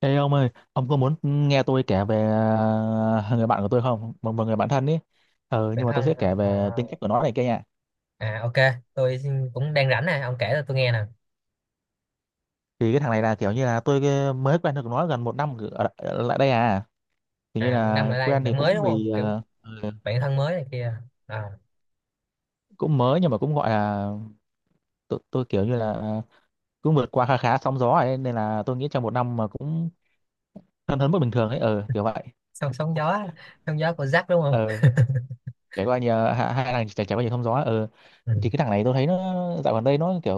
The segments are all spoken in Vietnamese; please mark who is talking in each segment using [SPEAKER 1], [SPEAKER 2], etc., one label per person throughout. [SPEAKER 1] Ê ông ơi, ông có muốn nghe tôi kể về người bạn của tôi không? Một người bạn thân ý. Ờ,
[SPEAKER 2] Người
[SPEAKER 1] nhưng mà
[SPEAKER 2] thân
[SPEAKER 1] tôi sẽ
[SPEAKER 2] hả?
[SPEAKER 1] kể về tính cách của nó này kia nha.
[SPEAKER 2] OK. Cũng đang rảnh nè, ông kể cho tôi nghe nè.
[SPEAKER 1] Thì cái thằng này là kiểu như là tôi mới quen được nó gần một năm ở lại đây à. Kiểu như
[SPEAKER 2] À, một năm
[SPEAKER 1] là
[SPEAKER 2] lại đây
[SPEAKER 1] quen thì
[SPEAKER 2] bạn mới
[SPEAKER 1] cũng
[SPEAKER 2] đúng không,
[SPEAKER 1] vì
[SPEAKER 2] kiểu bạn thân mới này kia. À,
[SPEAKER 1] cũng mới nhưng mà cũng gọi là tôi kiểu như là cũng vượt qua khá khá sóng gió ấy, nên là tôi nghĩ trong một năm mà cũng thân hơn mức bình thường ấy, kiểu vậy.
[SPEAKER 2] sóng sóng gió của Jack đúng không?
[SPEAKER 1] Ờ, trải qua nhiều hai hai thằng trải trải qua nhiều sóng gió,
[SPEAKER 2] Ừ.
[SPEAKER 1] thì cái thằng này tôi thấy nó dạo gần đây nó kiểu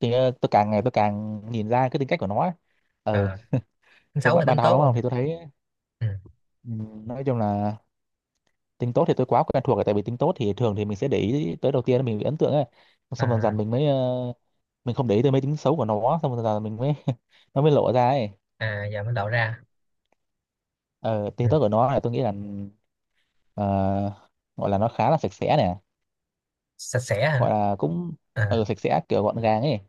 [SPEAKER 1] thì tôi càng ngày tôi càng nhìn ra cái tính cách của nó ấy. ờ
[SPEAKER 2] À, tính
[SPEAKER 1] thì
[SPEAKER 2] xấu
[SPEAKER 1] ban
[SPEAKER 2] hay
[SPEAKER 1] ban
[SPEAKER 2] tính
[SPEAKER 1] đầu
[SPEAKER 2] tốt
[SPEAKER 1] đúng không
[SPEAKER 2] không?
[SPEAKER 1] thì tôi thấy
[SPEAKER 2] Ừ.
[SPEAKER 1] nói chung là tính tốt thì tôi quá quen thuộc rồi tại vì tính tốt thì thường thì mình sẽ để ý tới đầu tiên là mình bị ấn tượng ấy xong dần dần
[SPEAKER 2] À
[SPEAKER 1] mình mới mình không để ý tới mấy tính xấu của nó xong dần dần mình mới nó mới lộ ra ấy
[SPEAKER 2] à, giờ mới lộ ra.
[SPEAKER 1] ờ
[SPEAKER 2] Ừ.
[SPEAKER 1] tính tốt của nó là tôi nghĩ là ờ, gọi là nó khá là sạch sẽ nè
[SPEAKER 2] Sạch sẽ
[SPEAKER 1] gọi
[SPEAKER 2] hả?
[SPEAKER 1] là cũng
[SPEAKER 2] À
[SPEAKER 1] sạch sẽ kiểu gọn gàng ấy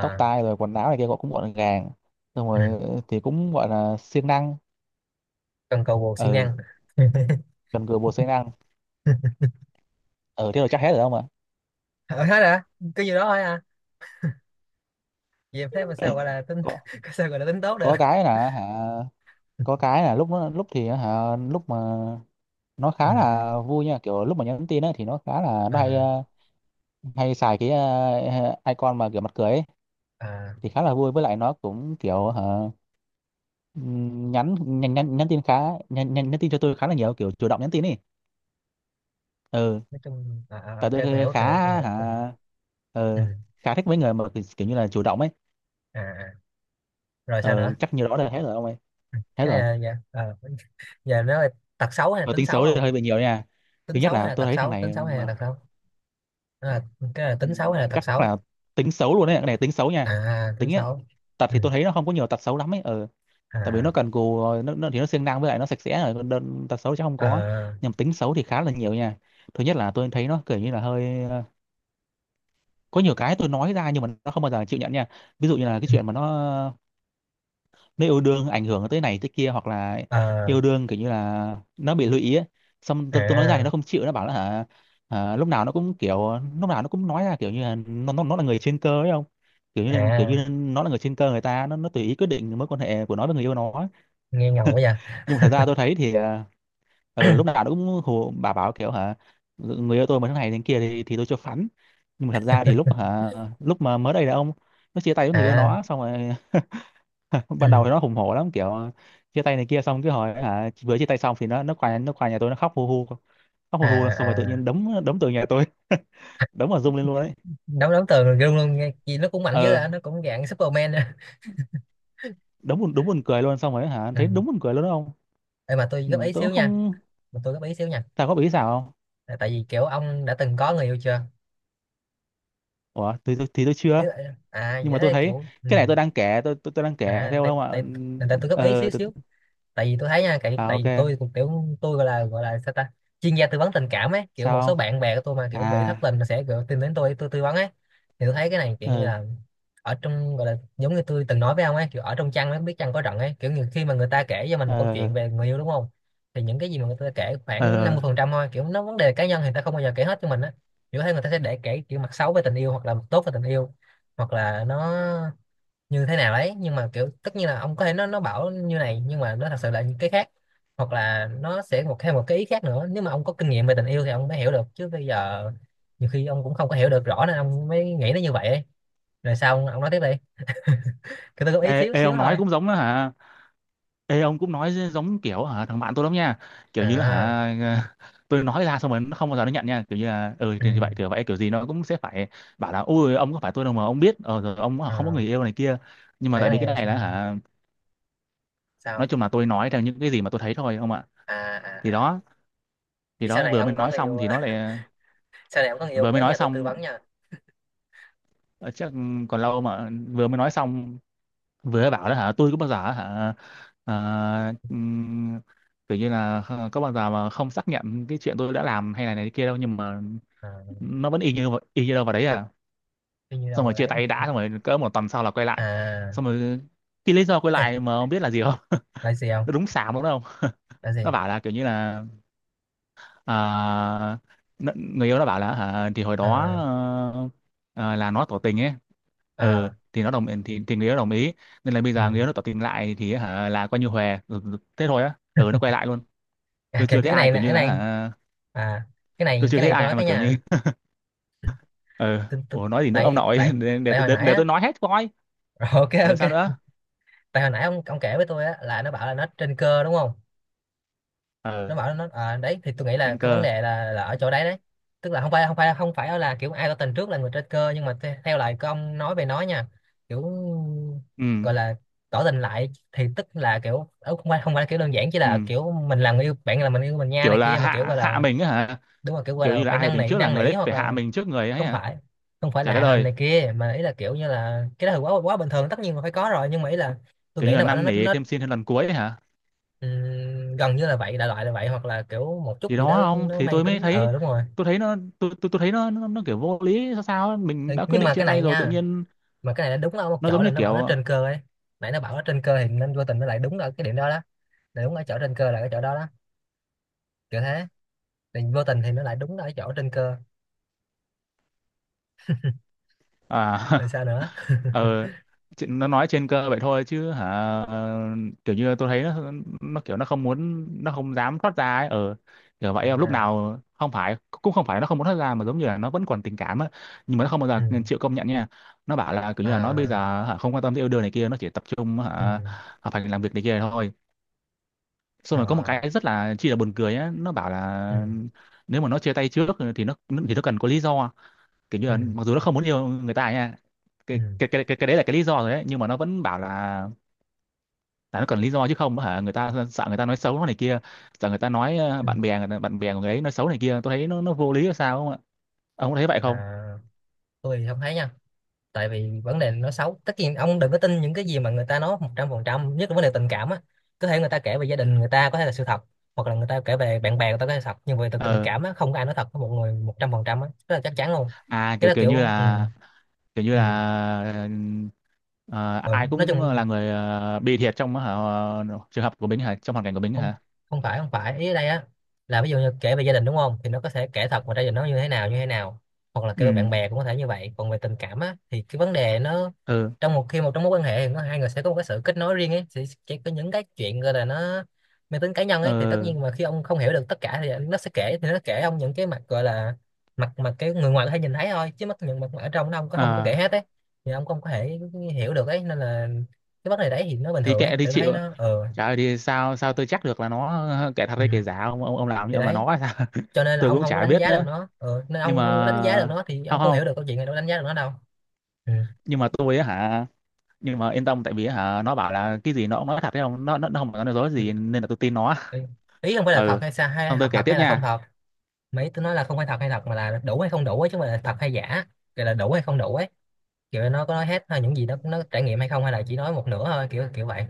[SPEAKER 1] tóc tai rồi quần áo này kia gọi cũng gọn gàng xong
[SPEAKER 2] Ừ.
[SPEAKER 1] rồi thì cũng gọi là siêng năng
[SPEAKER 2] Cần cầu bồ siêng
[SPEAKER 1] ờ
[SPEAKER 2] năng.
[SPEAKER 1] gần gũi bột siêng năng ừ thế rồi chắc hết rồi ông ạ
[SPEAKER 2] Ờ, hết hả? Cái gì đó thôi à? Vậy thế mà sao gọi là tính
[SPEAKER 1] có
[SPEAKER 2] sao gọi là tính tốt được?
[SPEAKER 1] có cái là hả có cái là lúc nó lúc thì hả lúc mà nó
[SPEAKER 2] Ừ.
[SPEAKER 1] khá là vui nha kiểu lúc mà nhắn tin á thì nó khá là nó hay
[SPEAKER 2] À,
[SPEAKER 1] hay xài cái icon mà kiểu mặt cười ấy
[SPEAKER 2] à,
[SPEAKER 1] thì khá là vui với lại nó cũng kiểu hả ừm, nhắn nhắn nhắn, nhắn tin khá nhắn tin cho tôi khá là nhiều kiểu chủ động nhắn tin ấy ừ
[SPEAKER 2] nói chung à, à,
[SPEAKER 1] tại
[SPEAKER 2] OK, tôi
[SPEAKER 1] tôi
[SPEAKER 2] hiểu
[SPEAKER 1] khá
[SPEAKER 2] tôi hiểu tôi hiểu,
[SPEAKER 1] hả
[SPEAKER 2] tôi hiểu. Ừ.
[SPEAKER 1] ờ, khá thích mấy người mà kiểu kiểu như là chủ động ấy
[SPEAKER 2] À à. Rồi sao
[SPEAKER 1] ừ,
[SPEAKER 2] nữa?
[SPEAKER 1] chắc như đó là hết rồi ông ơi hết
[SPEAKER 2] Cái này
[SPEAKER 1] rồi
[SPEAKER 2] là- dạ ờ, Giờ nó là tật xấu hay là
[SPEAKER 1] và
[SPEAKER 2] tính
[SPEAKER 1] tính
[SPEAKER 2] xấu
[SPEAKER 1] xấu thì
[SPEAKER 2] không?
[SPEAKER 1] hơi bị nhiều nha thứ
[SPEAKER 2] Tính
[SPEAKER 1] nhất
[SPEAKER 2] xấu hay
[SPEAKER 1] là
[SPEAKER 2] là
[SPEAKER 1] tôi
[SPEAKER 2] tật
[SPEAKER 1] thấy thằng
[SPEAKER 2] xấu, tính
[SPEAKER 1] này
[SPEAKER 2] xấu hay là
[SPEAKER 1] mà
[SPEAKER 2] tật xấu? Nó là, cái là tính xấu hay là tật
[SPEAKER 1] chắc
[SPEAKER 2] xấu?
[SPEAKER 1] là tính xấu luôn đấy cái này tính xấu nha
[SPEAKER 2] À tính
[SPEAKER 1] tính ấy
[SPEAKER 2] xấu.
[SPEAKER 1] tật
[SPEAKER 2] Ừ.
[SPEAKER 1] thì tôi thấy nó không có nhiều tật xấu lắm ấy ừ. tại vì
[SPEAKER 2] À.
[SPEAKER 1] nó cần cù rồi nó thì nó siêng năng với lại nó sạch sẽ rồi còn đơn tật xấu chắc không
[SPEAKER 2] Ờ
[SPEAKER 1] có nhưng mà tính xấu thì khá là nhiều nha thứ nhất là tôi thấy nó kiểu như là hơi có nhiều cái tôi nói ra nhưng mà nó không bao giờ chịu nhận nha ví dụ như là cái chuyện mà nó nếu yêu đương ảnh hưởng tới này tới kia hoặc là
[SPEAKER 2] ờ.
[SPEAKER 1] yêu đương kiểu như là nó bị lụy ý ấy. Xong tôi nói ra thì nó
[SPEAKER 2] À
[SPEAKER 1] không chịu nó bảo là hả lúc nào nó cũng kiểu lúc nào nó cũng nói ra kiểu như là nó là người trên cơ ấy không kiểu kiểu
[SPEAKER 2] à,
[SPEAKER 1] như nó là người trên cơ người ta nó tùy ý quyết định mối quan hệ của nó với người yêu nó ấy.
[SPEAKER 2] nghe ngầu quá vậy.
[SPEAKER 1] Nhưng mà thật ra tôi thấy thì lúc nào nó cũng hù bà bảo kiểu hả người yêu tôi mà thế này thế kia thì tôi cho phắn nhưng mà thật ra thì lúc hả lúc mà mới đây là ông nó chia tay với người yêu
[SPEAKER 2] À.
[SPEAKER 1] nó xong rồi ban đầu
[SPEAKER 2] Ừ.
[SPEAKER 1] thì nó hùng hổ lắm kiểu chia tay này kia xong cứ hỏi hả vừa chia tay xong thì nó qua nhà tôi nó khóc
[SPEAKER 2] À
[SPEAKER 1] hu hu xong rồi tự
[SPEAKER 2] à,
[SPEAKER 1] nhiên đấm đấm từ nhà tôi đấm vào rung lên luôn đấy
[SPEAKER 2] đấu đấu tường rồi, luôn luôn nghe gì nó cũng mạnh dữ, à
[SPEAKER 1] ờ
[SPEAKER 2] nó cũng dạng Superman á.
[SPEAKER 1] đúng đúng buồn cười luôn xong rồi hả
[SPEAKER 2] Ừ.
[SPEAKER 1] thấy đúng buồn cười luôn đó không
[SPEAKER 2] Ê, mà tôi góp
[SPEAKER 1] ừ,
[SPEAKER 2] ý
[SPEAKER 1] tôi cũng
[SPEAKER 2] xíu nha,
[SPEAKER 1] không
[SPEAKER 2] mà tôi góp ý xíu nha.
[SPEAKER 1] thà có bị sao không
[SPEAKER 2] Là tại vì kiểu ông đã từng có người yêu chưa?
[SPEAKER 1] ủa thì tôi chưa
[SPEAKER 2] À
[SPEAKER 1] nhưng
[SPEAKER 2] vậy
[SPEAKER 1] mà tôi
[SPEAKER 2] thế
[SPEAKER 1] thấy
[SPEAKER 2] kiểu ừ.
[SPEAKER 1] cái này tôi đang kể tôi đang kể
[SPEAKER 2] À
[SPEAKER 1] theo
[SPEAKER 2] tại
[SPEAKER 1] không ạ
[SPEAKER 2] tại tại tại
[SPEAKER 1] Ừ,
[SPEAKER 2] tôi góp ý xíu
[SPEAKER 1] tôi,
[SPEAKER 2] xíu, tại vì tôi thấy nha, tại
[SPEAKER 1] à
[SPEAKER 2] tại
[SPEAKER 1] ok
[SPEAKER 2] vì tôi cũng kiểu, tôi gọi là sao ta, chuyên gia tư vấn tình cảm ấy, kiểu một
[SPEAKER 1] sao
[SPEAKER 2] số bạn bè của tôi mà
[SPEAKER 1] không
[SPEAKER 2] kiểu bị thất
[SPEAKER 1] à
[SPEAKER 2] tình là sẽ kiểu tìm đến tôi tư vấn ấy. Thì tôi thấy cái này kiểu như
[SPEAKER 1] ờ
[SPEAKER 2] là ở trong, gọi là giống như tôi từng nói với ông ấy, kiểu ở trong chăn ấy biết chăn có rận ấy, kiểu như khi mà người ta kể cho mình một câu
[SPEAKER 1] ờ
[SPEAKER 2] chuyện về người yêu đúng không, thì những cái gì mà người ta kể
[SPEAKER 1] ờ
[SPEAKER 2] khoảng 50
[SPEAKER 1] ờ.
[SPEAKER 2] phần trăm thôi, kiểu nó vấn đề cá nhân thì người ta không bao giờ kể hết cho mình á. Kiểu thấy người ta sẽ để kể kiểu mặt xấu về tình yêu hoặc là mặt tốt về tình yêu, hoặc là nó như thế nào đấy, nhưng mà kiểu tất nhiên là ông có thể, nó bảo như này nhưng mà nó thật sự là những cái khác, hoặc là nó sẽ một thêm một cái ý khác nữa. Nếu mà ông có kinh nghiệm về tình yêu thì ông mới hiểu được, chứ bây giờ nhiều khi ông cũng không có hiểu được rõ, nên ông mới nghĩ nó như vậy ấy. Rồi sao ông nói tiếp đi, cứ tôi góp ý
[SPEAKER 1] ê,
[SPEAKER 2] xíu
[SPEAKER 1] ê
[SPEAKER 2] xíu
[SPEAKER 1] ông nói
[SPEAKER 2] thôi.
[SPEAKER 1] cũng giống đó hả Ê ông cũng nói giống kiểu hả thằng bạn tôi lắm nha kiểu như là
[SPEAKER 2] À.
[SPEAKER 1] hả tôi nói ra xong rồi nó không bao giờ nó nhận nha kiểu như là ừ
[SPEAKER 2] ừ,
[SPEAKER 1] thì vậy kiểu gì nó cũng sẽ phải bảo là ui ông có phải tôi đâu mà ông biết rồi ông hả, không có
[SPEAKER 2] À,
[SPEAKER 1] người yêu này kia nhưng mà
[SPEAKER 2] tại
[SPEAKER 1] tại
[SPEAKER 2] cái
[SPEAKER 1] vì cái
[SPEAKER 2] này
[SPEAKER 1] này là hả nói
[SPEAKER 2] sao?
[SPEAKER 1] chung là tôi nói theo những cái gì mà tôi thấy thôi ông ạ
[SPEAKER 2] À
[SPEAKER 1] thì
[SPEAKER 2] à à.
[SPEAKER 1] đó thì
[SPEAKER 2] Vậy sau
[SPEAKER 1] đó
[SPEAKER 2] này
[SPEAKER 1] vừa mới
[SPEAKER 2] ông có
[SPEAKER 1] nói
[SPEAKER 2] người
[SPEAKER 1] xong
[SPEAKER 2] yêu
[SPEAKER 1] thì nó lại
[SPEAKER 2] sau này ông có người yêu
[SPEAKER 1] vừa
[SPEAKER 2] nhớ
[SPEAKER 1] mới nói
[SPEAKER 2] nhà tôi tư
[SPEAKER 1] xong
[SPEAKER 2] vấn nha.
[SPEAKER 1] ờ, chắc còn lâu mà vừa mới nói xong vừa bảo đó hả tôi cũng bao giờ hả ờ, ừm, kiểu như là có bao giờ mà không xác nhận cái chuyện tôi đã làm hay là này kia đâu nhưng mà
[SPEAKER 2] À,
[SPEAKER 1] nó vẫn y như đâu vào đấy à
[SPEAKER 2] tuy nhiên đâu
[SPEAKER 1] xong rồi
[SPEAKER 2] rồi
[SPEAKER 1] chia
[SPEAKER 2] đấy.
[SPEAKER 1] tay đã xong rồi cỡ một tuần sau là quay lại
[SPEAKER 2] À.
[SPEAKER 1] xong rồi cái lý do quay
[SPEAKER 2] Ê,
[SPEAKER 1] lại mà không biết là gì không
[SPEAKER 2] lại gì không,
[SPEAKER 1] nó đúng xàm đúng không
[SPEAKER 2] lại
[SPEAKER 1] nó
[SPEAKER 2] gì?
[SPEAKER 1] bảo là kiểu như là à, n- người yêu nó bảo là hả thì hồi đó
[SPEAKER 2] À
[SPEAKER 1] là nó tỏ tình ấy ừ
[SPEAKER 2] à.
[SPEAKER 1] thì nó thì người yêu đồng ý nên là bây
[SPEAKER 2] Ừ.
[SPEAKER 1] giờ người yêu nó tỏ tình lại thì hả là coi như hòa thế thôi á nó quay lại luôn
[SPEAKER 2] À,
[SPEAKER 1] tôi chưa thấy
[SPEAKER 2] cái
[SPEAKER 1] ai
[SPEAKER 2] này là
[SPEAKER 1] kiểu như
[SPEAKER 2] cái
[SPEAKER 1] là
[SPEAKER 2] này.
[SPEAKER 1] hả
[SPEAKER 2] À cái
[SPEAKER 1] tôi
[SPEAKER 2] này,
[SPEAKER 1] chưa
[SPEAKER 2] cái
[SPEAKER 1] thấy
[SPEAKER 2] này tôi nói
[SPEAKER 1] ai mà
[SPEAKER 2] cái
[SPEAKER 1] kiểu
[SPEAKER 2] nha.
[SPEAKER 1] như ừ
[SPEAKER 2] Tôi- tôi-
[SPEAKER 1] ủa nói gì nữa ông
[SPEAKER 2] tại
[SPEAKER 1] nội
[SPEAKER 2] tại
[SPEAKER 1] để, để,
[SPEAKER 2] tại hồi
[SPEAKER 1] để,
[SPEAKER 2] nãy
[SPEAKER 1] để
[SPEAKER 2] á.
[SPEAKER 1] tôi nói hết coi
[SPEAKER 2] Rồi, OK
[SPEAKER 1] ừ sao
[SPEAKER 2] OK.
[SPEAKER 1] nữa
[SPEAKER 2] Tại hồi nãy ông kể với tôi á là nó bảo là nó trên cơ đúng không?
[SPEAKER 1] ừ
[SPEAKER 2] Nó bảo nó, à, đấy thì tôi nghĩ là
[SPEAKER 1] trên
[SPEAKER 2] cái vấn
[SPEAKER 1] cơ
[SPEAKER 2] đề là ở chỗ đấy đấy. Tức là không phải là kiểu ai có tình trước là người trên cơ, nhưng mà theo lời của ông nói về nó nha, kiểu
[SPEAKER 1] ừ
[SPEAKER 2] gọi là tỏ tình lại thì tức là kiểu ờ, không phải kiểu đơn giản chỉ là
[SPEAKER 1] ừ
[SPEAKER 2] kiểu mình là người yêu bạn là mình yêu mình nha
[SPEAKER 1] kiểu
[SPEAKER 2] này
[SPEAKER 1] là
[SPEAKER 2] kia, mà kiểu
[SPEAKER 1] hạ
[SPEAKER 2] gọi
[SPEAKER 1] hạ
[SPEAKER 2] là
[SPEAKER 1] mình á hả
[SPEAKER 2] đúng, là kiểu gọi
[SPEAKER 1] kiểu
[SPEAKER 2] là
[SPEAKER 1] như là
[SPEAKER 2] phải
[SPEAKER 1] ai tỏ
[SPEAKER 2] năn
[SPEAKER 1] tình
[SPEAKER 2] nỉ
[SPEAKER 1] trước là
[SPEAKER 2] năn
[SPEAKER 1] người
[SPEAKER 2] nỉ,
[SPEAKER 1] đấy
[SPEAKER 2] hoặc
[SPEAKER 1] phải hạ
[SPEAKER 2] là
[SPEAKER 1] mình trước người ấy
[SPEAKER 2] không
[SPEAKER 1] hả
[SPEAKER 2] phải, không phải
[SPEAKER 1] chả
[SPEAKER 2] là
[SPEAKER 1] đất
[SPEAKER 2] hạ hình
[SPEAKER 1] ơi
[SPEAKER 2] này kia, mà ý là kiểu như là cái đó thì quá quá bình thường, tất nhiên là phải có rồi, nhưng mà ý là tôi
[SPEAKER 1] kiểu như
[SPEAKER 2] nghĩ
[SPEAKER 1] là
[SPEAKER 2] nó bảo nó
[SPEAKER 1] năn
[SPEAKER 2] nó,
[SPEAKER 1] nỉ
[SPEAKER 2] nó
[SPEAKER 1] thêm xin thêm lần cuối ấy hả
[SPEAKER 2] gần như là vậy đại loại là vậy, hoặc là kiểu một chút
[SPEAKER 1] thì
[SPEAKER 2] gì đó
[SPEAKER 1] đó không
[SPEAKER 2] nó
[SPEAKER 1] thì
[SPEAKER 2] mang
[SPEAKER 1] tôi mới
[SPEAKER 2] tính
[SPEAKER 1] thấy
[SPEAKER 2] đúng rồi.
[SPEAKER 1] tôi thấy nó tôi thấy nó kiểu vô lý sao sao ấy.
[SPEAKER 2] Ừ,
[SPEAKER 1] Mình đã quyết
[SPEAKER 2] nhưng
[SPEAKER 1] định
[SPEAKER 2] mà
[SPEAKER 1] chia
[SPEAKER 2] cái này
[SPEAKER 1] tay rồi tự
[SPEAKER 2] nha,
[SPEAKER 1] nhiên
[SPEAKER 2] mà cái này nó đúng ở một
[SPEAKER 1] nó
[SPEAKER 2] chỗ
[SPEAKER 1] giống
[SPEAKER 2] là
[SPEAKER 1] như
[SPEAKER 2] nó bảo
[SPEAKER 1] kiểu
[SPEAKER 2] nó trên cơ ấy. Nãy nó bảo nó trên cơ thì nên vô tình nó lại đúng ở cái điểm đó đó, là đúng ở chỗ trên cơ là cái chỗ đó đó, kiểu thế, thì vô tình thì nó lại đúng ở cái chỗ trên cơ.
[SPEAKER 1] à
[SPEAKER 2] Rồi sao nữa?
[SPEAKER 1] ờ nó nói trên cơ vậy thôi chứ hả ờ, kiểu như tôi thấy nó kiểu nó không muốn nó không dám thoát ra ấy kiểu vậy lúc
[SPEAKER 2] À.
[SPEAKER 1] nào không phải cũng không phải nó không muốn thoát ra mà giống như là nó vẫn còn tình cảm á nhưng mà nó không bao
[SPEAKER 2] Ừ.
[SPEAKER 1] giờ chịu công nhận nha nó bảo là kiểu như là nó bây
[SPEAKER 2] À.
[SPEAKER 1] giờ hả, không quan tâm tới yêu đương này kia nó chỉ tập trung
[SPEAKER 2] Ừ.
[SPEAKER 1] hả phải làm việc này kia thôi xong rồi có một
[SPEAKER 2] À.
[SPEAKER 1] cái rất là chi là buồn cười á nó bảo
[SPEAKER 2] Ừ.
[SPEAKER 1] là nếu mà nó chia tay trước thì nó cần có lý do kiểu như
[SPEAKER 2] Ừ.
[SPEAKER 1] là mặc dù nó không muốn yêu người ta nha
[SPEAKER 2] Ừ.
[SPEAKER 1] cái đấy là cái lý do rồi đấy nhưng mà nó vẫn bảo là nó cần lý do chứ không hả người ta sợ người ta nói xấu nó này kia sợ người ta nói
[SPEAKER 2] Ừ.
[SPEAKER 1] bạn bè của người ấy nói xấu này kia tôi thấy nó vô lý là sao không ạ ông có thấy vậy không
[SPEAKER 2] À, tôi không thấy nha. Tại vì vấn đề nó xấu, tất nhiên ông đừng có tin những cái gì mà người ta nói một trăm phần trăm, nhất là vấn đề tình cảm á. Có thể người ta kể về gia đình, người ta có thể là sự thật, hoặc là người ta kể về bạn bè người ta có thể là thật, nhưng về tình tình
[SPEAKER 1] ờ
[SPEAKER 2] cảm á, không có ai nói thật với một người một trăm phần trăm á, rất là chắc chắn luôn.
[SPEAKER 1] à
[SPEAKER 2] Cái
[SPEAKER 1] kiểu
[SPEAKER 2] đó kiểu ừ,
[SPEAKER 1] kiểu như
[SPEAKER 2] ừ.
[SPEAKER 1] là ờ,
[SPEAKER 2] Rồi,
[SPEAKER 1] ai
[SPEAKER 2] nói
[SPEAKER 1] cũng
[SPEAKER 2] chung
[SPEAKER 1] là người bị thiệt trong trường hợp của mình hả trong hoàn cảnh của mình
[SPEAKER 2] không,
[SPEAKER 1] hả
[SPEAKER 2] không phải ý ở đây á, là ví dụ như kể về gia đình đúng không, thì nó có thể kể thật, mà gia đình nó như thế nào như thế nào, hoặc là kể
[SPEAKER 1] ừ
[SPEAKER 2] về bạn bè cũng có thể như vậy, còn về tình cảm á thì cái vấn đề nó
[SPEAKER 1] ừ
[SPEAKER 2] trong một khi một trong mối quan hệ thì nó hai người sẽ có một cái sự kết nối riêng ấy, sẽ có những cái chuyện gọi là nó mang tính cá nhân ấy, thì tất
[SPEAKER 1] ờ
[SPEAKER 2] nhiên mà khi ông không hiểu được tất cả thì nó sẽ kể, thì nó kể ông những cái mặt gọi là mặt mặt cái người ngoài có thể nhìn thấy thôi, chứ mất những mặt mà ở trong nó ông có không có kể
[SPEAKER 1] à,
[SPEAKER 2] hết ấy, thì ông không có thể hiểu được ấy, nên là cái vấn đề đấy thì nó bình
[SPEAKER 1] thì
[SPEAKER 2] thường ấy,
[SPEAKER 1] kệ đi
[SPEAKER 2] tự thấy
[SPEAKER 1] chịu
[SPEAKER 2] nó
[SPEAKER 1] trời ơi, thì sao sao tôi chắc được là nó kẻ thật
[SPEAKER 2] ừ.
[SPEAKER 1] hay kẻ giả ông làm như
[SPEAKER 2] Thì
[SPEAKER 1] ông là
[SPEAKER 2] đấy,
[SPEAKER 1] nó hay sao
[SPEAKER 2] cho nên là
[SPEAKER 1] tôi
[SPEAKER 2] ông
[SPEAKER 1] cũng
[SPEAKER 2] không có
[SPEAKER 1] chả
[SPEAKER 2] đánh
[SPEAKER 1] biết
[SPEAKER 2] giá được
[SPEAKER 1] nữa
[SPEAKER 2] nó ừ, nên
[SPEAKER 1] nhưng
[SPEAKER 2] ông không có đánh giá được
[SPEAKER 1] mà
[SPEAKER 2] nó thì
[SPEAKER 1] không
[SPEAKER 2] ông không hiểu
[SPEAKER 1] không
[SPEAKER 2] được câu chuyện, này đâu có đánh giá được nó đâu. Ừ.
[SPEAKER 1] nhưng mà tôi á hả nhưng mà yên tâm tại vì á hả nó bảo là cái gì nó cũng nói thật đấy không nó không có nói dối gì nên là tôi tin nó
[SPEAKER 2] ý Ý không phải là thật
[SPEAKER 1] ừ
[SPEAKER 2] hay sao, hay
[SPEAKER 1] xong
[SPEAKER 2] thật
[SPEAKER 1] tôi kể
[SPEAKER 2] thật
[SPEAKER 1] tiếp
[SPEAKER 2] hay là không
[SPEAKER 1] nha
[SPEAKER 2] thật. Mấy tôi nói là không phải thật hay thật mà là đủ hay không đủ ấy, chứ không phải là thật hay giả, kiểu là đủ hay không đủ ấy, kiểu nó có nói hết hay những gì nó trải nghiệm hay không, hay là chỉ nói một nửa thôi, kiểu kiểu vậy.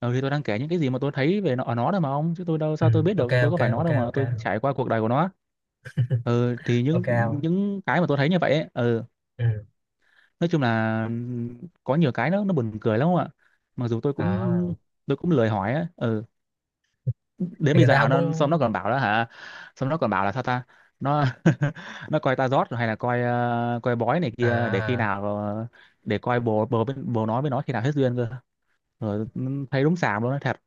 [SPEAKER 1] ừ thì tôi đang kể những cái gì mà tôi thấy về nó ở nó đâu mà ông chứ tôi đâu
[SPEAKER 2] Ừ.
[SPEAKER 1] sao tôi biết
[SPEAKER 2] ok
[SPEAKER 1] được tôi có
[SPEAKER 2] ok
[SPEAKER 1] phải nó
[SPEAKER 2] ok
[SPEAKER 1] đâu mà
[SPEAKER 2] ok
[SPEAKER 1] tôi trải qua cuộc đời của nó ừ thì
[SPEAKER 2] OK
[SPEAKER 1] những
[SPEAKER 2] không?
[SPEAKER 1] những cái mà tôi thấy như vậy ấy, ừ
[SPEAKER 2] Ừ.
[SPEAKER 1] nói chung là có nhiều cái nó buồn cười lắm không ạ mặc dù tôi
[SPEAKER 2] À.
[SPEAKER 1] cũng tôi cũng lười hỏi á, ừ. Đến
[SPEAKER 2] Thì
[SPEAKER 1] bây
[SPEAKER 2] người ta
[SPEAKER 1] giờ
[SPEAKER 2] không
[SPEAKER 1] nó xong
[SPEAKER 2] muốn.
[SPEAKER 1] nó còn bảo đó hả, xong nó còn bảo là sao ta. Nó nó coi ta rót hay là coi coi bói này kia để khi
[SPEAKER 2] À.
[SPEAKER 1] nào để coi bồ bồ bên- bồ nói với nó khi nào hết duyên cơ rồi, ừ, thấy đúng xàm luôn nó thật.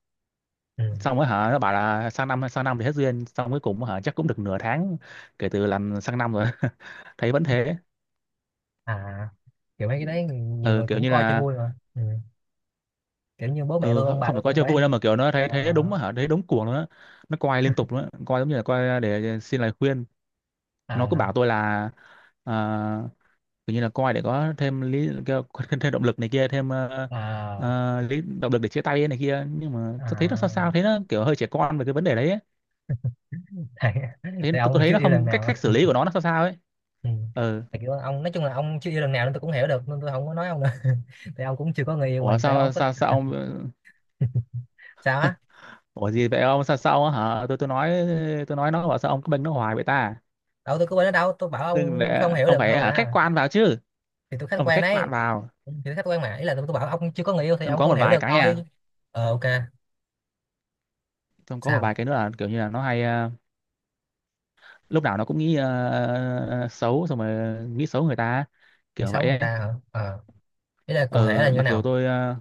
[SPEAKER 2] Ừ.
[SPEAKER 1] Xong rồi hả nó bảo là sang năm thì hết duyên, xong cuối cùng hả chắc cũng được nửa tháng kể từ làm sang năm rồi. Thấy vẫn thế.
[SPEAKER 2] À kiểu mấy cái đấy nhiều
[SPEAKER 1] Ừ,
[SPEAKER 2] người
[SPEAKER 1] kiểu
[SPEAKER 2] cũng
[SPEAKER 1] như
[SPEAKER 2] coi cho
[SPEAKER 1] là,
[SPEAKER 2] vui mà ừ. Kiểu như bố mẹ
[SPEAKER 1] ừ,
[SPEAKER 2] tôi ông bà
[SPEAKER 1] không phải
[SPEAKER 2] tôi
[SPEAKER 1] coi
[SPEAKER 2] cũng
[SPEAKER 1] cho
[SPEAKER 2] phải.
[SPEAKER 1] vui đâu mà kiểu nó thấy
[SPEAKER 2] Ờ.
[SPEAKER 1] thấy đúng hả, thấy đúng cuồng luôn á. Nó coi liên tục luôn á, coi giống như là coi để xin lời khuyên. Nó cứ
[SPEAKER 2] À
[SPEAKER 1] bảo tôi là, à, kiểu như là coi để có thêm thêm, thêm động lực này kia, thêm
[SPEAKER 2] à
[SPEAKER 1] lý động lực để chia tay ấy này kia, nhưng mà tôi thấy nó sao sao,
[SPEAKER 2] à,
[SPEAKER 1] thấy nó kiểu hơi trẻ con về cái vấn đề đấy ấy.
[SPEAKER 2] tại,
[SPEAKER 1] Thấy
[SPEAKER 2] tại
[SPEAKER 1] tôi
[SPEAKER 2] ông
[SPEAKER 1] thấy
[SPEAKER 2] chưa
[SPEAKER 1] nó
[SPEAKER 2] yêu lần
[SPEAKER 1] không, cách
[SPEAKER 2] nào
[SPEAKER 1] cách
[SPEAKER 2] á.
[SPEAKER 1] xử lý của nó sao sao ấy.
[SPEAKER 2] Ừ.
[SPEAKER 1] Ừ.
[SPEAKER 2] Tại kiểu ông, nói chung là ông chưa yêu lần nào nên tôi cũng hiểu được, nên tôi không có nói ông nữa. Tại ông cũng chưa có người yêu
[SPEAKER 1] Ủa
[SPEAKER 2] mình, tại
[SPEAKER 1] sao
[SPEAKER 2] ông có.
[SPEAKER 1] sao sao ông,
[SPEAKER 2] Sao á?
[SPEAKER 1] ủa gì vậy ông, sao sao hả, tôi nói. Tôi nói nó bảo sao ông cứ bênh nó hoài vậy ta,
[SPEAKER 2] Đâu tôi có bên đó đâu, tôi bảo
[SPEAKER 1] đừng
[SPEAKER 2] ông không
[SPEAKER 1] để
[SPEAKER 2] hiểu
[SPEAKER 1] ông
[SPEAKER 2] được thôi
[SPEAKER 1] phải hả khách
[SPEAKER 2] mà.
[SPEAKER 1] quan vào chứ,
[SPEAKER 2] Thì tôi khách
[SPEAKER 1] ông phải
[SPEAKER 2] quan
[SPEAKER 1] khách quan
[SPEAKER 2] đấy.
[SPEAKER 1] vào.
[SPEAKER 2] Thì tôi khách quan mà, ý là tôi bảo ông chưa có người yêu thì
[SPEAKER 1] Xong
[SPEAKER 2] ông
[SPEAKER 1] có
[SPEAKER 2] không
[SPEAKER 1] một
[SPEAKER 2] hiểu
[SPEAKER 1] vài
[SPEAKER 2] được
[SPEAKER 1] cái nha,
[SPEAKER 2] thôi. Ờ OK.
[SPEAKER 1] xong có một
[SPEAKER 2] Sao?
[SPEAKER 1] vài cái nữa là kiểu như là nó hay lúc nào nó cũng nghĩ xấu, xong rồi nghĩ xấu người ta,
[SPEAKER 2] Bị
[SPEAKER 1] kiểu
[SPEAKER 2] xấu
[SPEAKER 1] vậy
[SPEAKER 2] người ta
[SPEAKER 1] ấy.
[SPEAKER 2] hả? Ờ, ý là cụ thể là
[SPEAKER 1] Ờ,
[SPEAKER 2] như thế
[SPEAKER 1] mặc dù
[SPEAKER 2] nào?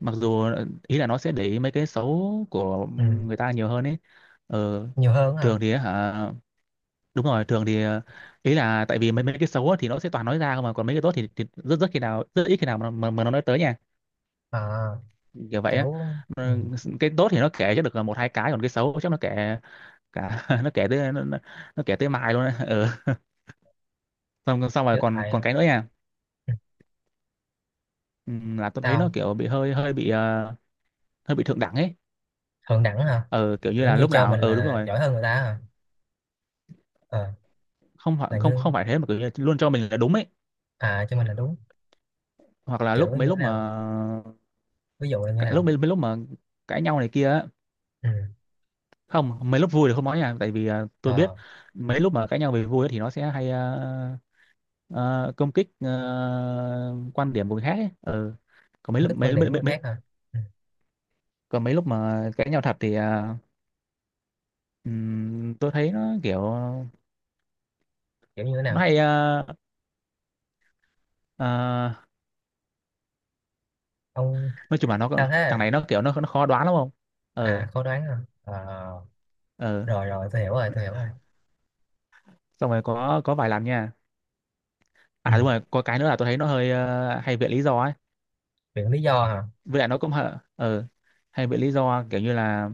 [SPEAKER 1] mặc dù ý là nó sẽ để ý mấy cái xấu của
[SPEAKER 2] Ừ.
[SPEAKER 1] người ta nhiều hơn ấy. ờ,
[SPEAKER 2] Nhiều hơn hả?
[SPEAKER 1] Thường thì hả, đúng rồi, thường thì, ý là tại vì mấy mấy cái xấu á thì nó sẽ toàn nói ra không, mà còn mấy cái tốt thì rất rất khi nào rất ít khi nào mà nó nói tới nha,
[SPEAKER 2] Ờ
[SPEAKER 1] kiểu vậy á.
[SPEAKER 2] kiểu ừ.
[SPEAKER 1] Ờ, cái tốt thì nó kể cho được là một hai cái, còn cái xấu chắc nó kể cả nó kể tới nó kể tới mai luôn đấy, ừ. xong Xong rồi
[SPEAKER 2] Kiểu
[SPEAKER 1] còn
[SPEAKER 2] tại ừ,
[SPEAKER 1] còn cái nữa nha, ừ, là tôi thấy nó
[SPEAKER 2] sao?
[SPEAKER 1] kiểu bị hơi hơi bị hơi bị thượng đẳng ấy.
[SPEAKER 2] Thượng đẳng hả?
[SPEAKER 1] Ờ, kiểu như
[SPEAKER 2] Kiểu
[SPEAKER 1] là
[SPEAKER 2] như
[SPEAKER 1] lúc
[SPEAKER 2] cho
[SPEAKER 1] nào
[SPEAKER 2] mình
[SPEAKER 1] ờ đúng
[SPEAKER 2] là
[SPEAKER 1] rồi,
[SPEAKER 2] giỏi hơn người ta à? Ờ,
[SPEAKER 1] không phải,
[SPEAKER 2] là
[SPEAKER 1] không
[SPEAKER 2] như,
[SPEAKER 1] không phải thế, mà kiểu như luôn cho mình là đúng ấy.
[SPEAKER 2] à cho mình là đúng.
[SPEAKER 1] Hoặc là
[SPEAKER 2] Kiểu như thế
[SPEAKER 1] lúc
[SPEAKER 2] nào,
[SPEAKER 1] mà,
[SPEAKER 2] ví dụ là như thế nào?
[SPEAKER 1] mấy lúc mà cãi nhau này kia á.
[SPEAKER 2] Ừ.
[SPEAKER 1] Không, mấy lúc vui thì không nói nha, tại vì tôi biết
[SPEAKER 2] Ờ,
[SPEAKER 1] mấy lúc mà cãi nhau về vui ấy, thì nó sẽ hay công kích quan điểm của người khác ấy. Ờ. Còn mấy
[SPEAKER 2] ông
[SPEAKER 1] lúc
[SPEAKER 2] thích quan điểm của người
[SPEAKER 1] mấy
[SPEAKER 2] khác hả? Ừ.
[SPEAKER 1] còn mấy lúc mà cãi nhau thật thì ừm, tôi thấy nó kiểu
[SPEAKER 2] Kiểu như thế
[SPEAKER 1] nó
[SPEAKER 2] nào?
[SPEAKER 1] hay ờ,
[SPEAKER 2] Ông
[SPEAKER 1] nói chung là
[SPEAKER 2] sao thế
[SPEAKER 1] thằng
[SPEAKER 2] à,
[SPEAKER 1] này nó kiểu nó khó đoán lắm không.
[SPEAKER 2] à
[SPEAKER 1] Ờ.
[SPEAKER 2] khó đoán hả? Ờ
[SPEAKER 1] Ờ.
[SPEAKER 2] rồi rồi, tôi hiểu rồi.
[SPEAKER 1] Xong rồi có vài lần nha,
[SPEAKER 2] Ừ.
[SPEAKER 1] à đúng rồi có cái nữa là tôi thấy nó hơi hay viện lý do ấy.
[SPEAKER 2] Chuyện lý do hả?
[SPEAKER 1] Với lại nó cũng ờ hay viện lý do, kiểu như là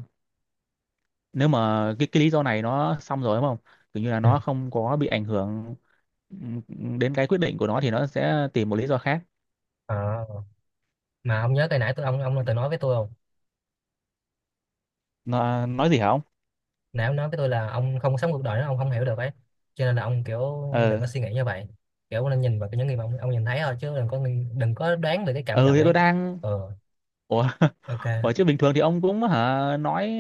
[SPEAKER 1] nếu mà cái lý do này nó xong rồi đúng không, kiểu như là
[SPEAKER 2] Ừ.
[SPEAKER 1] nó không có bị ảnh hưởng ừm, đến cái quyết định của nó, thì nó sẽ tìm một lý do khác.
[SPEAKER 2] Ờ, mà ông nhớ cái nãy tôi, ông từng nói với tôi không,
[SPEAKER 1] Nó nói gì hả ông.
[SPEAKER 2] nãy ông nói với tôi là ông không sống cuộc đời đó ông không hiểu được ấy, cho nên là ông kiểu đừng có
[SPEAKER 1] Ờ.
[SPEAKER 2] suy nghĩ như vậy, kiểu ông nên nhìn vào cái những gì mà ông nhìn thấy thôi chứ đừng có, đừng có đoán về cái cảm
[SPEAKER 1] Ừ
[SPEAKER 2] nhận
[SPEAKER 1] thì
[SPEAKER 2] ấy.
[SPEAKER 1] tôi đang,
[SPEAKER 2] Ờ
[SPEAKER 1] ủa bởi
[SPEAKER 2] OK.
[SPEAKER 1] chứ bình thường thì ông cũng hả nói,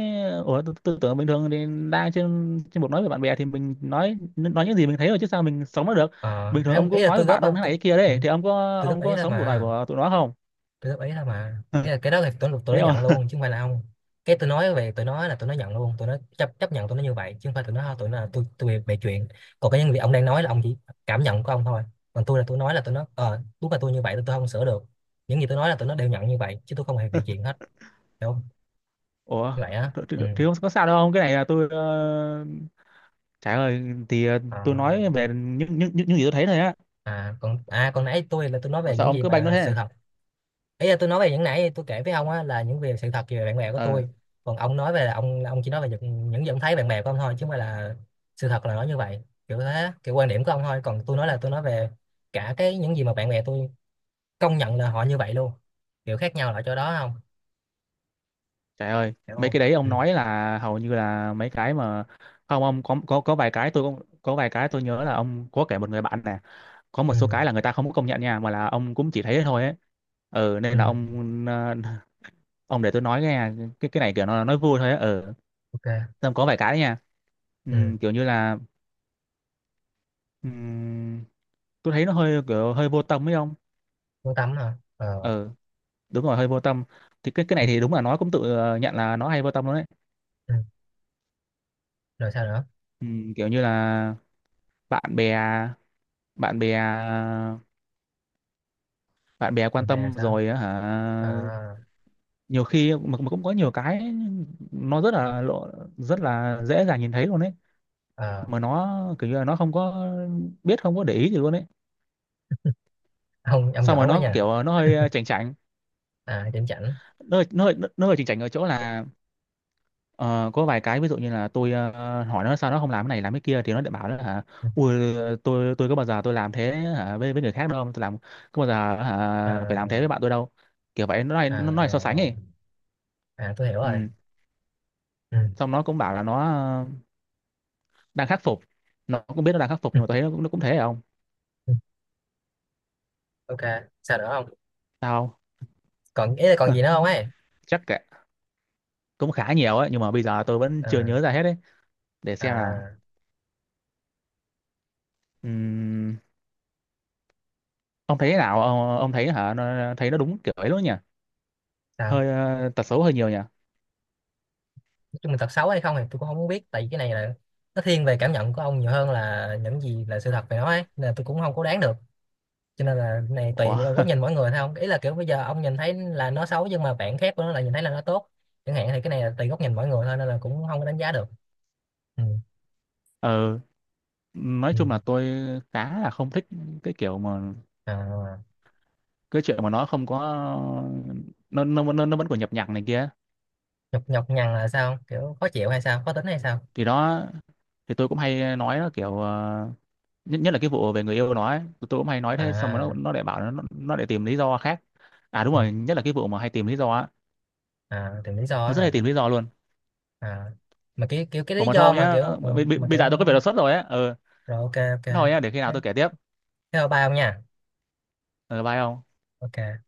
[SPEAKER 1] ủa tôi tưởng bình thường thì đang trên trên một nói với bạn bè thì mình nói những gì mình thấy rồi chứ sao mình sống nó được. Bình thường ông
[SPEAKER 2] Ý
[SPEAKER 1] cũng
[SPEAKER 2] là
[SPEAKER 1] nói với
[SPEAKER 2] tôi góp
[SPEAKER 1] bạn
[SPEAKER 2] á,
[SPEAKER 1] ông thế này
[SPEAKER 2] tôi
[SPEAKER 1] thế kia
[SPEAKER 2] ừ,
[SPEAKER 1] đấy, thì ông có,
[SPEAKER 2] tôi góp
[SPEAKER 1] ông
[SPEAKER 2] ý
[SPEAKER 1] có
[SPEAKER 2] thôi
[SPEAKER 1] sống cuộc đời
[SPEAKER 2] mà,
[SPEAKER 1] của tụi nó không?
[SPEAKER 2] tôi góp ý thôi mà. Ý là cái đó là tôi
[SPEAKER 1] Thấy
[SPEAKER 2] nó nhận
[SPEAKER 1] không?
[SPEAKER 2] luôn chứ không phải là ông. Cái tôi nói về, tôi nói là tôi nó nhận luôn, tôi nó chấp chấp nhận tôi nó như vậy, chứ không phải tôi nó thôi tụi nó là tôi bịa chuyện. Còn cái những việc ông đang nói là ông chỉ cảm nhận của ông thôi, còn tôi là tôi nói là tôi nó ờ đúng là tôi như vậy, tôi không sửa được. Những gì tôi nói là tôi nó đều nhận như vậy, chứ tôi không hề bịa chuyện hết. Hiểu không?
[SPEAKER 1] Ủa
[SPEAKER 2] Như vậy á, ừ.
[SPEAKER 1] thì không có sao đâu ông. Cái này là trời ơi thì tôi
[SPEAKER 2] À,
[SPEAKER 1] nói về những gì tôi thấy thôi á.
[SPEAKER 2] à còn nãy tôi là tôi nói
[SPEAKER 1] Mà
[SPEAKER 2] về
[SPEAKER 1] sao
[SPEAKER 2] những
[SPEAKER 1] ông
[SPEAKER 2] gì
[SPEAKER 1] cứ banh nó
[SPEAKER 2] mà sự
[SPEAKER 1] thế?
[SPEAKER 2] thật. Ý là tôi nói về những nãy tôi kể với ông á, là những việc sự thật về bạn bè của
[SPEAKER 1] Ờ,
[SPEAKER 2] tôi. Còn ông nói về là ông chỉ nói về những gì ông thấy bạn bè của ông thôi, chứ không phải là sự thật là nó như vậy, kiểu thế kiểu quan điểm của ông thôi. Còn tôi nói là tôi nói về cả cái những gì mà bạn bè tôi công nhận là họ như vậy luôn, kiểu khác nhau là ở chỗ đó không,
[SPEAKER 1] trời ơi
[SPEAKER 2] hiểu
[SPEAKER 1] mấy
[SPEAKER 2] không?
[SPEAKER 1] cái đấy
[SPEAKER 2] Ừ.
[SPEAKER 1] ông nói là hầu như là mấy cái mà, không ông có vài cái có vài cái tôi nhớ là ông có kể một người bạn nè, có một số
[SPEAKER 2] Ừ.
[SPEAKER 1] cái là người ta không có công nhận nha, mà là ông cũng chỉ thấy thế thôi ấy. Ừ, nên
[SPEAKER 2] Ừ.
[SPEAKER 1] là ông ông để tôi nói nghe. Cái này kiểu nó nói vui thôi ấy, ừ.
[SPEAKER 2] OK.
[SPEAKER 1] Xong có vài cái đấy nha.
[SPEAKER 2] Ừ.
[SPEAKER 1] Kiểu như là, ừm, tôi thấy nó hơi kiểu hơi vô tâm ấy không.
[SPEAKER 2] Muốn tắm hả? Ờ
[SPEAKER 1] Ừ, đúng rồi, hơi vô tâm. Thì cái này thì đúng là nó cũng tự nhận là nó hay vô tâm luôn đấy.
[SPEAKER 2] ừ. Rồi sao nữa?
[SPEAKER 1] Kiểu như là bạn bè, bạn bè, bạn bè quan
[SPEAKER 2] Bạn bè là
[SPEAKER 1] tâm
[SPEAKER 2] sao?
[SPEAKER 1] rồi á hả,
[SPEAKER 2] Ờ.
[SPEAKER 1] nhiều khi mà cũng có nhiều cái nó rất là lộ, rất là dễ dàng nhìn thấy luôn ấy,
[SPEAKER 2] Ờ.
[SPEAKER 1] mà nó kiểu như là nó không có biết, không có để ý gì luôn ấy.
[SPEAKER 2] Ông
[SPEAKER 1] Xong
[SPEAKER 2] giỏi
[SPEAKER 1] rồi
[SPEAKER 2] quá
[SPEAKER 1] nó
[SPEAKER 2] nha.
[SPEAKER 1] kiểu nó hơi chảnh chảnh,
[SPEAKER 2] À điểm chảnh.
[SPEAKER 1] nó hơi chảnh chảnh ở chỗ là ờ, có vài cái ví dụ như là hỏi nó sao nó không làm cái này làm cái kia, thì nó lại bảo là hả,
[SPEAKER 2] Ừ.
[SPEAKER 1] ui tôi có bao giờ tôi làm thế hả với người khác đâu, tôi làm có bao giờ
[SPEAKER 2] Ờ,
[SPEAKER 1] hả, phải làm thế với bạn tôi đâu, kiểu vậy,
[SPEAKER 2] à
[SPEAKER 1] nó này so
[SPEAKER 2] rồi
[SPEAKER 1] sánh
[SPEAKER 2] rồi,
[SPEAKER 1] ấy.
[SPEAKER 2] à tôi hiểu rồi.
[SPEAKER 1] Ừ.
[SPEAKER 2] Ừ.
[SPEAKER 1] Xong nó cũng bảo là ờ, đang khắc phục, nó cũng biết nó đang khắc phục,
[SPEAKER 2] Ừ.
[SPEAKER 1] nhưng mà tôi thấy nó cũng thế không.
[SPEAKER 2] OK, sao nữa không?
[SPEAKER 1] Sao?
[SPEAKER 2] Còn ý là còn
[SPEAKER 1] Không?
[SPEAKER 2] gì nữa không ấy?
[SPEAKER 1] Chắc cả cũng khá nhiều ấy, nhưng mà bây giờ tôi vẫn chưa
[SPEAKER 2] Ờ.
[SPEAKER 1] nhớ ra hết ấy. Để xem nào.
[SPEAKER 2] À.
[SPEAKER 1] Ừm, ông thấy thế nào ông, thấy nó đúng kiểu ấy luôn nhỉ,
[SPEAKER 2] Sao?
[SPEAKER 1] hơi tật xấu hơi nhiều nhỉ.
[SPEAKER 2] Nói chung là thật xấu hay không thì tôi cũng không muốn biết, tại vì cái này là nó thiên về cảm nhận của ông nhiều hơn là những gì là sự thật về nó ấy, nên là tôi cũng không có đoán được, cho nên là cái này tùy
[SPEAKER 1] Ủa
[SPEAKER 2] vào góc nhìn mỗi người thôi không. Ý là kiểu bây giờ ông nhìn thấy là nó xấu, nhưng mà bạn khác của nó là nhìn thấy là nó tốt chẳng hạn, thì cái này là tùy góc nhìn mỗi người thôi, nên là cũng không có đánh giá được. Ừ.
[SPEAKER 1] ờ nói
[SPEAKER 2] Ừ.
[SPEAKER 1] chung là tôi khá là không thích cái kiểu mà
[SPEAKER 2] À,
[SPEAKER 1] cái chuyện mà nó không có nó vẫn còn nhập nhằng này kia.
[SPEAKER 2] nhọc nhọc nhằn là sao, kiểu khó chịu hay sao, khó tính hay sao?
[SPEAKER 1] Thì đó, thì tôi cũng hay nói nó kiểu nhất nhất là cái vụ về người yêu nó ấy, tôi cũng hay nói thế, xong rồi
[SPEAKER 2] À,
[SPEAKER 1] nó lại bảo nó lại tìm lý do khác. À đúng
[SPEAKER 2] ừ.
[SPEAKER 1] rồi, nhất là cái vụ mà hay tìm lý do á,
[SPEAKER 2] À tìm lý do á
[SPEAKER 1] nó rất
[SPEAKER 2] hả?
[SPEAKER 1] hay tìm lý do luôn.
[SPEAKER 2] À, mà kiểu kiểu cái
[SPEAKER 1] Ủa
[SPEAKER 2] lý
[SPEAKER 1] mà
[SPEAKER 2] do
[SPEAKER 1] thôi
[SPEAKER 2] mà
[SPEAKER 1] nhá,
[SPEAKER 2] kiểu ừ,
[SPEAKER 1] bây, bây
[SPEAKER 2] mà
[SPEAKER 1] bây
[SPEAKER 2] kiểu.
[SPEAKER 1] giờ tôi có việc đột xuất rồi á. Ừ.
[SPEAKER 2] Rồi OK OK.
[SPEAKER 1] Thôi nhá, để khi nào
[SPEAKER 2] Thế,
[SPEAKER 1] tôi kể tiếp.
[SPEAKER 2] theo ba ông nha.
[SPEAKER 1] Ừ, bye ông.
[SPEAKER 2] OK.